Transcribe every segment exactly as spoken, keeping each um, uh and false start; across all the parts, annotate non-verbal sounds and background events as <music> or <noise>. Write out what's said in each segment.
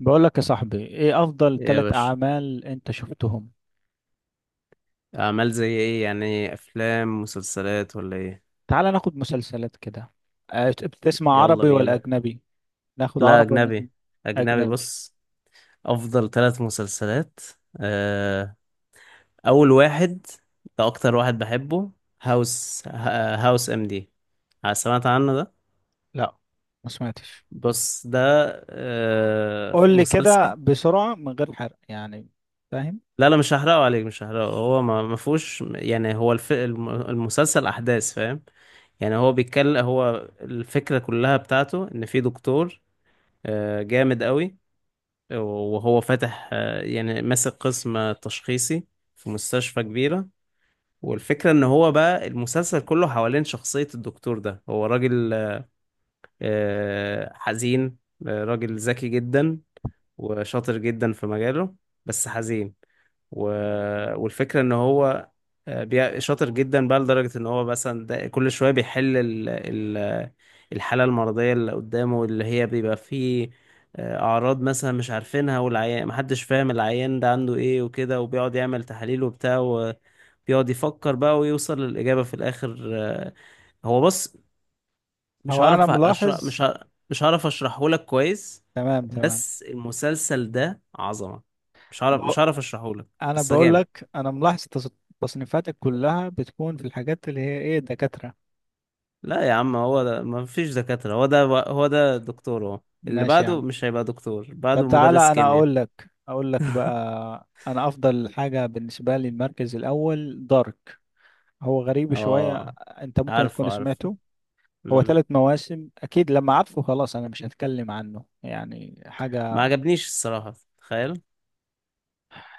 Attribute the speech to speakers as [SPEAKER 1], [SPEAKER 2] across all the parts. [SPEAKER 1] بقول لك يا صاحبي، ايه افضل
[SPEAKER 2] ايه يا
[SPEAKER 1] ثلاث
[SPEAKER 2] باشا؟
[SPEAKER 1] اعمال انت شفتهم؟
[SPEAKER 2] اعمال زي ايه؟ يعني افلام، مسلسلات، ولا ايه؟
[SPEAKER 1] تعال ناخد مسلسلات كده. آه، بتسمع
[SPEAKER 2] يلا
[SPEAKER 1] عربي ولا
[SPEAKER 2] بينا.
[SPEAKER 1] اجنبي؟ ناخد
[SPEAKER 2] لا،
[SPEAKER 1] عربي ولا اجنبي؟
[SPEAKER 2] اجنبي. اجنبي،
[SPEAKER 1] أجنبي.
[SPEAKER 2] بص. افضل ثلاث مسلسلات. آه، اول واحد، ده اكتر واحد بحبه. هاوس آه، هاوس ام دي. آه، سمعت عنه ده؟
[SPEAKER 1] لا، ما سمعتش.
[SPEAKER 2] بص ده آه،
[SPEAKER 1] قول لي كده
[SPEAKER 2] مسلسل.
[SPEAKER 1] بسرعة من غير حرق، يعني فاهم؟
[SPEAKER 2] لا لا، مش هحرقه عليك، مش هحرقه. هو ما ما فيهوش يعني. هو الف... الم- المسلسل احداث، فاهم؟ يعني هو بيتكلم، هو الفكرة كلها بتاعته ان في دكتور آه، جامد قوي. وهو فاتح، آه، يعني ماسك قسم تشخيصي في مستشفى كبيرة. والفكرة ان هو بقى المسلسل كله حوالين شخصية الدكتور ده. هو راجل آه، حزين، آه، راجل ذكي جدا، وشاطر جدا في مجاله، بس حزين. و... والفكرة ان هو آه، بي- شاطر جدا بقى، لدرجة ان هو مثلا ده- كل شوية بيحل ال... ال... الحالة المرضية اللي قدامه، اللي هي بيبقى فيه آه، اعراض مثلا مش عارفينها، والعيان محدش فاهم العيان ده عنده ايه وكده، وبيقعد يعمل تحاليل وبتاع، وبيقعد يفكر بقى ويوصل للإجابة في الآخر. آه، هو بص، مش
[SPEAKER 1] هو انا
[SPEAKER 2] هعرف اشرح
[SPEAKER 1] ملاحظ.
[SPEAKER 2] مش ه... مش هعرف اشرحه لك كويس،
[SPEAKER 1] تمام تمام.
[SPEAKER 2] بس المسلسل ده عظمة. مش هعرف مش
[SPEAKER 1] بق...
[SPEAKER 2] هعرف اشرحه لك.
[SPEAKER 1] انا
[SPEAKER 2] بس
[SPEAKER 1] بقول
[SPEAKER 2] جامد.
[SPEAKER 1] لك، انا ملاحظ تص- تصنيفاتك كلها بتكون في الحاجات اللي هي ايه، دكاترة.
[SPEAKER 2] لا يا عم، هو ده، ما فيش دكاترة. هو ده، هو ده دكتور. هو اللي
[SPEAKER 1] ماشي يا
[SPEAKER 2] بعده
[SPEAKER 1] عم.
[SPEAKER 2] مش هيبقى دكتور،
[SPEAKER 1] طب
[SPEAKER 2] بعده مدرس
[SPEAKER 1] تعالى انا
[SPEAKER 2] كيمياء.
[SPEAKER 1] اقول لك، اقول لك بقى انا افضل حاجه بالنسبه لي المركز الاول، دارك. هو غريب شويه.
[SPEAKER 2] اه،
[SPEAKER 1] انت ممكن
[SPEAKER 2] عارفه
[SPEAKER 1] تكون
[SPEAKER 2] عارفه.
[SPEAKER 1] سمعته. هو
[SPEAKER 2] مم.
[SPEAKER 1] ثلاث مواسم اكيد، لما عارفه خلاص انا مش هتكلم عنه يعني
[SPEAKER 2] ما
[SPEAKER 1] حاجه.
[SPEAKER 2] عجبنيش الصراحة، تخيل.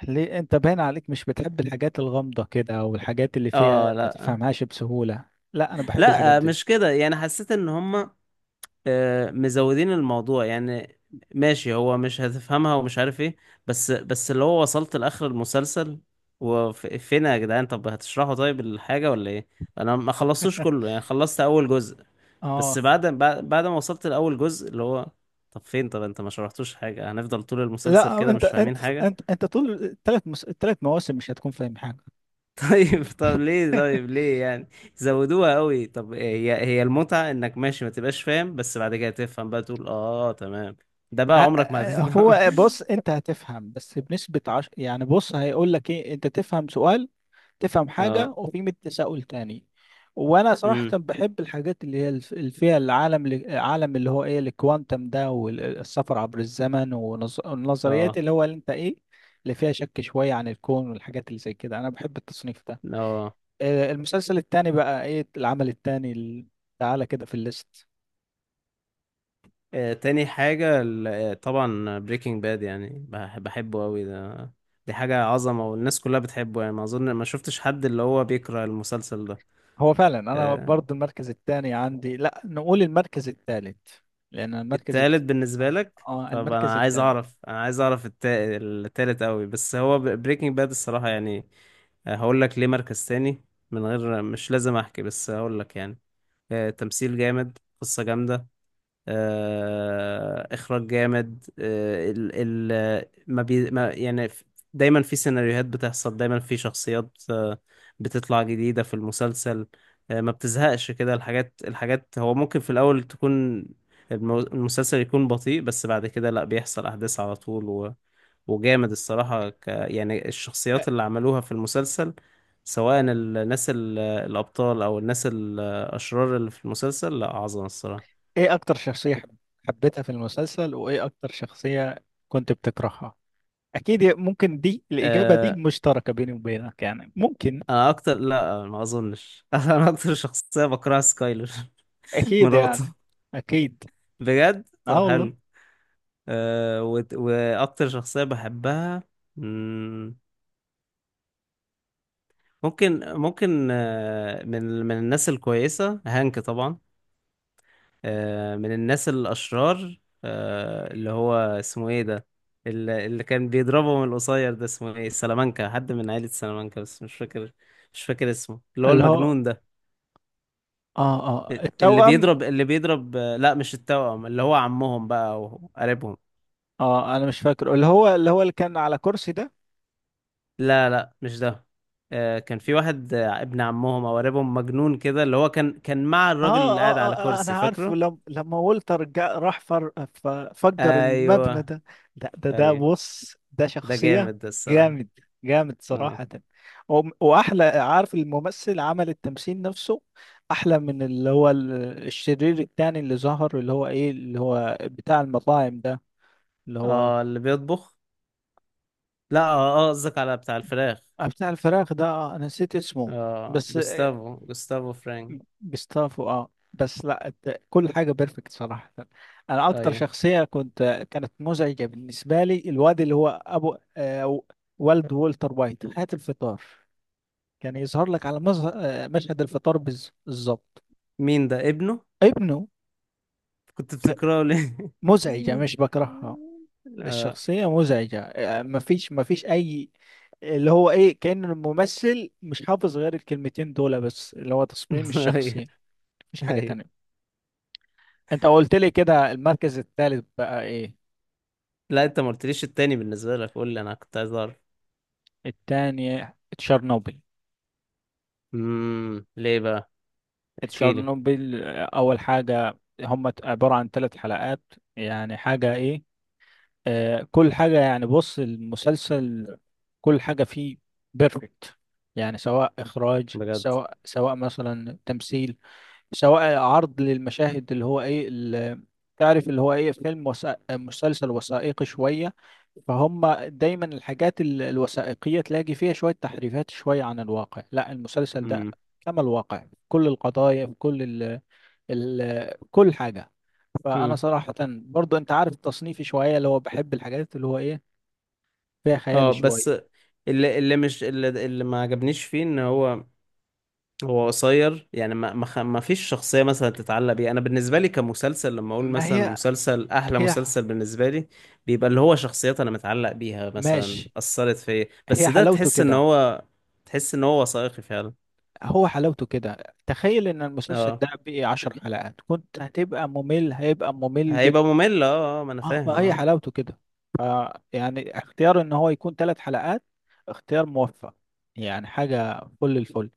[SPEAKER 1] ليه، انت باين عليك مش بتحب الحاجات الغامضه كده، او الحاجات اللي
[SPEAKER 2] اه،
[SPEAKER 1] فيها ما
[SPEAKER 2] لا،
[SPEAKER 1] تفهمهاش بسهوله؟ لا، انا بحب الحاجات
[SPEAKER 2] لا
[SPEAKER 1] دي.
[SPEAKER 2] مش كده. يعني حسيت ان هما آه، مزودين الموضوع يعني. ماشي، هو مش هتفهمها ومش عارف ايه، بس بس اللي هو وصلت لاخر المسلسل، وفين يا جدعان؟ طب هتشرحوا طيب الحاجة ولا ايه؟ انا ما خلصتوش
[SPEAKER 1] <laughs>
[SPEAKER 2] كله، يعني خلصت اول جزء بس.
[SPEAKER 1] اه.
[SPEAKER 2] بعد بعد بعد ما وصلت لأول جزء اللي هو، طب فين؟ طب انت ما شرحتوش حاجة؟ هنفضل طول المسلسل
[SPEAKER 1] لا،
[SPEAKER 2] كده
[SPEAKER 1] انت
[SPEAKER 2] مش
[SPEAKER 1] انت
[SPEAKER 2] فاهمين حاجة؟
[SPEAKER 1] انت انت طول الثلاث الثلاث مواسم مش هتكون فاهم حاجه.
[SPEAKER 2] <laughs> طيب، طب ليه طيب ليه يعني؟ زودوها قوي. طب هي هي المتعة، انك ماشي ما تبقاش فاهم، بس بعد كده تفهم بقى، تقول اه تمام. ده بقى عمرك ما
[SPEAKER 1] ه-
[SPEAKER 2] هتفهم.
[SPEAKER 1] هو بص، انت هتفهم بس بنسبة عش... يعني بص هيقول لك ايه، انت تفهم سؤال، تفهم
[SPEAKER 2] <laughs>
[SPEAKER 1] حاجة
[SPEAKER 2] اه.
[SPEAKER 1] وفي مية تساؤل تاني. وانا
[SPEAKER 2] امم.
[SPEAKER 1] صراحة بحب الحاجات اللي هي الف- اللي فيها العالم العالم اللي هو ايه، الكوانتم ده، والسفر عبر الزمن ونظ- والنظريات
[SPEAKER 2] اه،
[SPEAKER 1] اللي هو اللي انت ايه، اللي فيها شك شوية عن الكون والحاجات اللي زي كده. انا بحب التصنيف ده.
[SPEAKER 2] اه.
[SPEAKER 1] آه، المسلسل التاني بقى ايه، العمل التاني ال- تعالى كده في الليست.
[SPEAKER 2] آه، تاني حاجة، ال- آه، طبعا بريكنج باد، يعني بح- بحبه قوي ده. دي حاجة عظمة، والناس كلها بتحبه. يعني ما أظن ما شفتش حد اللي هو بيكره المسلسل ده.
[SPEAKER 1] هو فعلا انا
[SPEAKER 2] آه،
[SPEAKER 1] برضو المركز الثاني عندي، لا نقول المركز الثالث. لان المركز
[SPEAKER 2] التالت
[SPEAKER 1] الت...
[SPEAKER 2] بالنسبة لك؟
[SPEAKER 1] اه،
[SPEAKER 2] طب
[SPEAKER 1] المركز
[SPEAKER 2] انا عايز
[SPEAKER 1] الثالث.
[SPEAKER 2] اعرف، انا عايز اعرف التا... التالت قوي، بس هو بريكنج باد الصراحة يعني. آه، هقول لك ليه مركز تاني. من غير، مش لازم احكي، بس هقول لك يعني. آه، تمثيل جامد، قصة جامدة، آه، اخراج جامد. آه، ال ال ما بي ما يعني ف- دايما في سيناريوهات بتحصل، دايما في شخصيات آه، بتطلع جديدة في المسلسل. آه، ما بتزهقش كده الحاجات. الحاجات هو ممكن في الاول تكون المو- المسلسل يكون بطيء، بس بعد كده لا، بيحصل احداث على طول. و وجامد الصراحة. ك يعني الشخصيات اللي عملوها في المسلسل، سواء الناس ال- الأبطال، أو الناس الأشرار اللي في المسلسل، لا عظمة الصراحة.
[SPEAKER 1] ايه اكتر شخصية حب- حبيتها في المسلسل، وايه اكتر شخصية كنت بتكرهها؟ اكيد ممكن دي، الاجابة دي
[SPEAKER 2] آه،
[SPEAKER 1] مشتركة بيني وبينك، يعني ممكن.
[SPEAKER 2] انا اكتر، لا ما اظنش. <laughs> انا اكتر شخصيه بكرهها سكايلر. <laughs>
[SPEAKER 1] اكيد
[SPEAKER 2] مراته.
[SPEAKER 1] يعني. اكيد.
[SPEAKER 2] بجد،
[SPEAKER 1] اه
[SPEAKER 2] طب
[SPEAKER 1] والله.
[SPEAKER 2] حلو. أه وت... واكتر شخصيه بحبها. مم، ممكن ممكن آه، من من الناس الكويسه، هانك طبعا. أه من الناس الاشرار، أه اللي هو اسمه ايه ده، اللي, اللي كان بيضربه من القصير ده، اسمه ايه؟ سلامانكا، حد من عائله سلامانكا بس مش فاكر. مش فاكر اسمه، اللي هو
[SPEAKER 1] اللي هو
[SPEAKER 2] المجنون ده.
[SPEAKER 1] اه اه
[SPEAKER 2] اللي بيضرب
[SPEAKER 1] التوأم.
[SPEAKER 2] اللي بيضرب. لا مش التوأم، اللي هو عمهم بقى او قريبهم.
[SPEAKER 1] اه، انا مش فاكره، اللي هو اللي هو اللي كان على كرسي ده.
[SPEAKER 2] لا لا مش ده. آه، كان في واحد آه، ابن عمهم او قريبهم، مجنون كده، اللي هو كان كان مع
[SPEAKER 1] آه,
[SPEAKER 2] الراجل اللي قاعد
[SPEAKER 1] آه,
[SPEAKER 2] على
[SPEAKER 1] آه, آه
[SPEAKER 2] كرسي،
[SPEAKER 1] أنا عارفه،
[SPEAKER 2] فاكره؟
[SPEAKER 1] لم لما والتر جا راح فر ف- فجر المبنى
[SPEAKER 2] ايوه.
[SPEAKER 1] ده. لا، ده ده
[SPEAKER 2] ايوه،
[SPEAKER 1] بص، ده
[SPEAKER 2] ده
[SPEAKER 1] شخصية.
[SPEAKER 2] جامد ده الصراحة.
[SPEAKER 1] جامد. جامد
[SPEAKER 2] اه.
[SPEAKER 1] صراحة. وم- وأحلى، عارف، الممثل عمل التمثيل نفسه أحلى من اللي هو ال- الشرير التاني اللي ظهر، اللي هو إيه، اللي هو بتاع المطاعم ده، اللي هو
[SPEAKER 2] اه، اللي بيطبخ. لا، اه، آه، قصدك على بتاع الفراخ.
[SPEAKER 1] بتاع الفراخ ده، آه، أنا نسيت اسمه.
[SPEAKER 2] اه،
[SPEAKER 1] بس
[SPEAKER 2] جوستافو، جوستافو فرانك.
[SPEAKER 1] جستافو، اه بس لا الت- كل حاجة بيرفكت صراحة. انا اكتر
[SPEAKER 2] ايوه.
[SPEAKER 1] شخصية كنت كانت مزعجة بالنسبة لي، الواد اللي هو ابو آه والد والتر وايت، هات الفطار. كان يظهر لك على مظه- آه، مشهد الفطار بالز- بالظبط.
[SPEAKER 2] مين ده؟ ابنه.
[SPEAKER 1] ابنه.
[SPEAKER 2] كنت
[SPEAKER 1] ك-
[SPEAKER 2] بتكرهه ليه؟
[SPEAKER 1] مزعجة،
[SPEAKER 2] <laughs>
[SPEAKER 1] مش بكرهها.
[SPEAKER 2] اه.
[SPEAKER 1] الشخصية مزعجة، آه، مفيش مفيش اي، اللي هو ايه، كأن الممثل مش حافظ غير الكلمتين دول بس، اللي هو تصميم
[SPEAKER 2] <laughs>
[SPEAKER 1] الشخصية.
[SPEAKER 2] ايوه،
[SPEAKER 1] مفيش حاجة
[SPEAKER 2] ايوه.
[SPEAKER 1] تانية. انت قلت لي كده، المركز الثالث بقى ايه؟
[SPEAKER 2] لا، انت ما قلتليش التاني بالنسبة لك، قول لي، انا كنت عايز اعرف.
[SPEAKER 1] الثاني تشيرنوبل.
[SPEAKER 2] امم، ليه بقى؟ احكي لي.
[SPEAKER 1] تشيرنوبل، آه، اول حاجة هم عبارة عن ثلاث حلقات. يعني حاجة ايه، آه كل حاجة يعني، بص، المسلسل كل حاجة فيه بيرفكت. يعني سواء اخراج،
[SPEAKER 2] بجد.
[SPEAKER 1] سواء سواء مثلا تمثيل، سواء عرض للمشاهد اللي هو ايه ال- تعرف اللي هو ايه، فيلم وثائق، مسلسل وثائقي شوية، فهم. دايما الحاجات ال- الوثائقية تلاقي فيها شوية تحريفات شوية عن الواقع، لا، المسلسل ده
[SPEAKER 2] امم،
[SPEAKER 1] كما الواقع في كل القضايا، في كل ال ال كل حاجة. فأنا
[SPEAKER 2] امم،
[SPEAKER 1] صراحة برضو أنت عارف تصنيفي شوية، اللي هو بحب الحاجات اللي هو إيه، فيها
[SPEAKER 2] اه.
[SPEAKER 1] خيال
[SPEAKER 2] بس
[SPEAKER 1] شوية.
[SPEAKER 2] اللي اللي مش اللي, اللي ما عجبنيش فيه ان هو، هو قصير يعني. ما ما, خ- ما فيش شخصية مثلا تتعلق بيها. انا بالنسبة لي كمسلسل، لما اقول
[SPEAKER 1] ما
[SPEAKER 2] مثلا
[SPEAKER 1] هي
[SPEAKER 2] مسلسل، احلى
[SPEAKER 1] هي
[SPEAKER 2] مسلسل بالنسبة لي بيبقى اللي هو شخصيات انا متعلق بيها، مثلا
[SPEAKER 1] ماشي،
[SPEAKER 2] اثرت فيا،
[SPEAKER 1] هي
[SPEAKER 2] بس ده
[SPEAKER 1] حلاوته
[SPEAKER 2] تحس ان
[SPEAKER 1] كده.
[SPEAKER 2] هو، تحس ان هو وثائقي فعلا.
[SPEAKER 1] هو حلاوته كده، تخيل ان المسلسل ده
[SPEAKER 2] اه،
[SPEAKER 1] بقي عشر حلقات كنت هتبقى ممل، هيبقى ممل
[SPEAKER 2] هيبقى
[SPEAKER 1] جدا.
[SPEAKER 2] ممل، اه، اه، ما انا
[SPEAKER 1] آه، ما
[SPEAKER 2] فاهم.
[SPEAKER 1] هي
[SPEAKER 2] اه،
[SPEAKER 1] حلاوته كده. ف يعني اختيار ان هو يكون ثلاث حلقات، اختيار موفق. يعني حاجة فل الفل.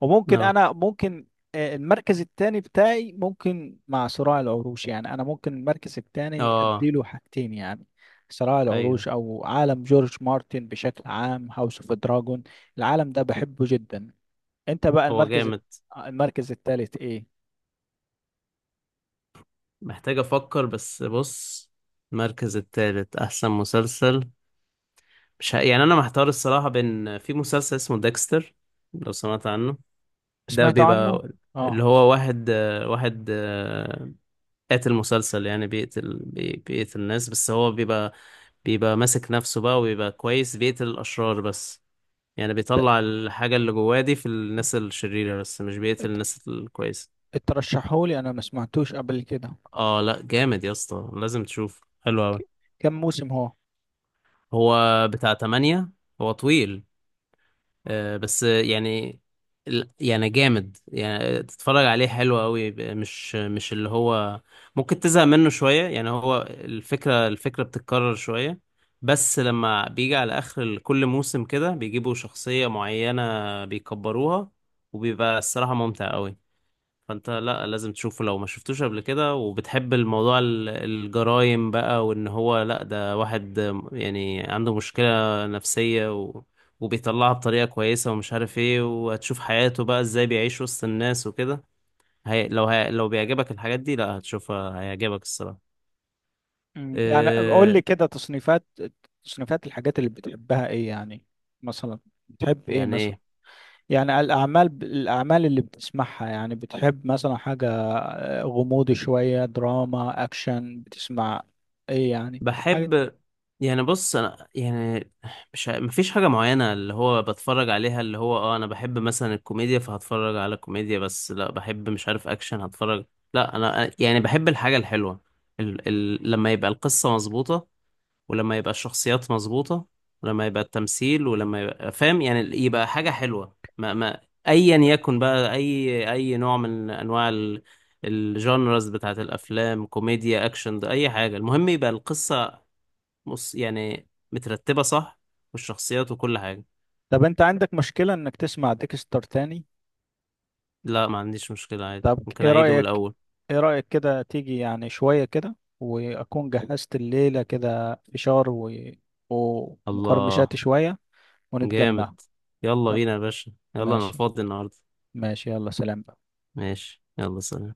[SPEAKER 1] وممكن
[SPEAKER 2] اه،
[SPEAKER 1] انا ممكن، آه، المركز الثاني بتاعي ممكن مع صراع العروش. يعني انا ممكن المركز الثاني
[SPEAKER 2] اه،
[SPEAKER 1] اديله حاجتين، يعني صراع
[SPEAKER 2] ايوه.
[SPEAKER 1] العروش او عالم جورج مارتن بشكل عام، هاوس اوف دراجون. العالم ده بحبه جدا. انت بقى
[SPEAKER 2] هو
[SPEAKER 1] المركز الت-
[SPEAKER 2] جامد.
[SPEAKER 1] المركز الثالث ايه؟
[SPEAKER 2] محتاج افكر، بس بص. المركز التالت، احسن مسلسل، مش ه... يعني انا محتار الصراحه. بين، في مسلسل اسمه ديكستر، لو سمعت عنه. ده
[SPEAKER 1] سمعت عنه.
[SPEAKER 2] بيبقى اللي
[SPEAKER 1] اه.
[SPEAKER 2] هو واحد آه، واحد آه، قاتل مسلسل، يعني بيقتل، بي... بيقتل ناس، بس هو بيبقى بيبقى ماسك نفسه بقى، وبيبقى كويس، بيقتل الاشرار بس. يعني بيطلع الحاجه اللي جواه دي في الناس الشريره، بس مش بيقتل الناس الكويسه.
[SPEAKER 1] ترشحولي، انا ما سمعتوش قبل كده.
[SPEAKER 2] اه لا، جامد يا اسطى، لازم تشوف، حلو أوي.
[SPEAKER 1] ك- كم موسم هو؟
[SPEAKER 2] هو بتاع تمانية. هو طويل، آه، بس يعني. ال- يعني جامد، يعني تتفرج عليه حلو قوي. ب- مش مش اللي هو ممكن تزهق منه شوية، يعني هو الفكرة الفكرة بتتكرر شوية، بس لما بيجي على آخر ال- كل موسم، كده بيجيبوا شخصية معينة بيكبروها، وبيبقى الصراحة ممتع قوي. فانت لا لازم تشوفه لو ما شفتوش قبل كده، وبتحب الموضوع، ال- الجرايم بقى، وان هو لا ده واحد يعني عنده مشكلة نفسية، و... وبيطلعها بطريقة كويسة ومش عارف ايه. وهتشوف حياته بقى ازاي بيعيش وسط الناس وكده. هي... لو هي... لو بيعجبك الحاجات دي، لا هتشوفها هيعجبك الصراحة.
[SPEAKER 1] مم. يعني قول لي
[SPEAKER 2] إيه...
[SPEAKER 1] كده تصنيفات، تصنيفات الحاجات اللي بتحبها ايه يعني، مثلا بتحب ايه
[SPEAKER 2] يعني
[SPEAKER 1] مثلا،
[SPEAKER 2] ايه؟
[SPEAKER 1] يعني الاعمال، الاعمال اللي بتسمعها. يعني بتحب مثلا حاجة آه، غموض شوية، دراما، اكشن، بتسمع ايه يعني، حاجة؟
[SPEAKER 2] بحب. يعني بص، انا يعني مش ع- مفيش حاجة معينة اللي هو بتفرج عليها اللي هو، اه انا بحب مثلا الكوميديا فهتفرج على كوميديا، بس لا بحب مش عارف اكشن هتفرج. لا، انا يعني بحب الحاجة الحلوة، ال ال لما يبقى القصة مظبوطة، ولما يبقى الشخصيات مظبوطة، ولما يبقى التمثيل، ولما يبقى فاهم، يعني يبقى حاجة حلوة. ما ما ايا يكن بقى، اي اي نوع من انواع ال- الجانرز بتاعت الافلام، كوميديا، اكشن، ده اي حاجة، المهم يبقى القصة، بص، يعني مترتبة صح، والشخصيات وكل حاجة.
[SPEAKER 1] طب انت عندك مشكلة انك تسمع ديكستر تاني؟
[SPEAKER 2] لا، ما عنديش مشكلة، عادي،
[SPEAKER 1] طب
[SPEAKER 2] ممكن
[SPEAKER 1] ايه
[SPEAKER 2] أعيده من
[SPEAKER 1] رأيك،
[SPEAKER 2] الأول.
[SPEAKER 1] ايه رأيك كده تيجي يعني شوية كده، واكون جهزت الليلة كده فشار و...
[SPEAKER 2] الله،
[SPEAKER 1] ومقرمشات شوية،
[SPEAKER 2] جامد.
[SPEAKER 1] ونتجمع.
[SPEAKER 2] يلا
[SPEAKER 1] تمام.
[SPEAKER 2] بينا يا باشا، يلا، أنا
[SPEAKER 1] ماشي.
[SPEAKER 2] فاضي النهاردة.
[SPEAKER 1] ماشي، يلا سلام بقى.
[SPEAKER 2] ماشي، يلا سلام.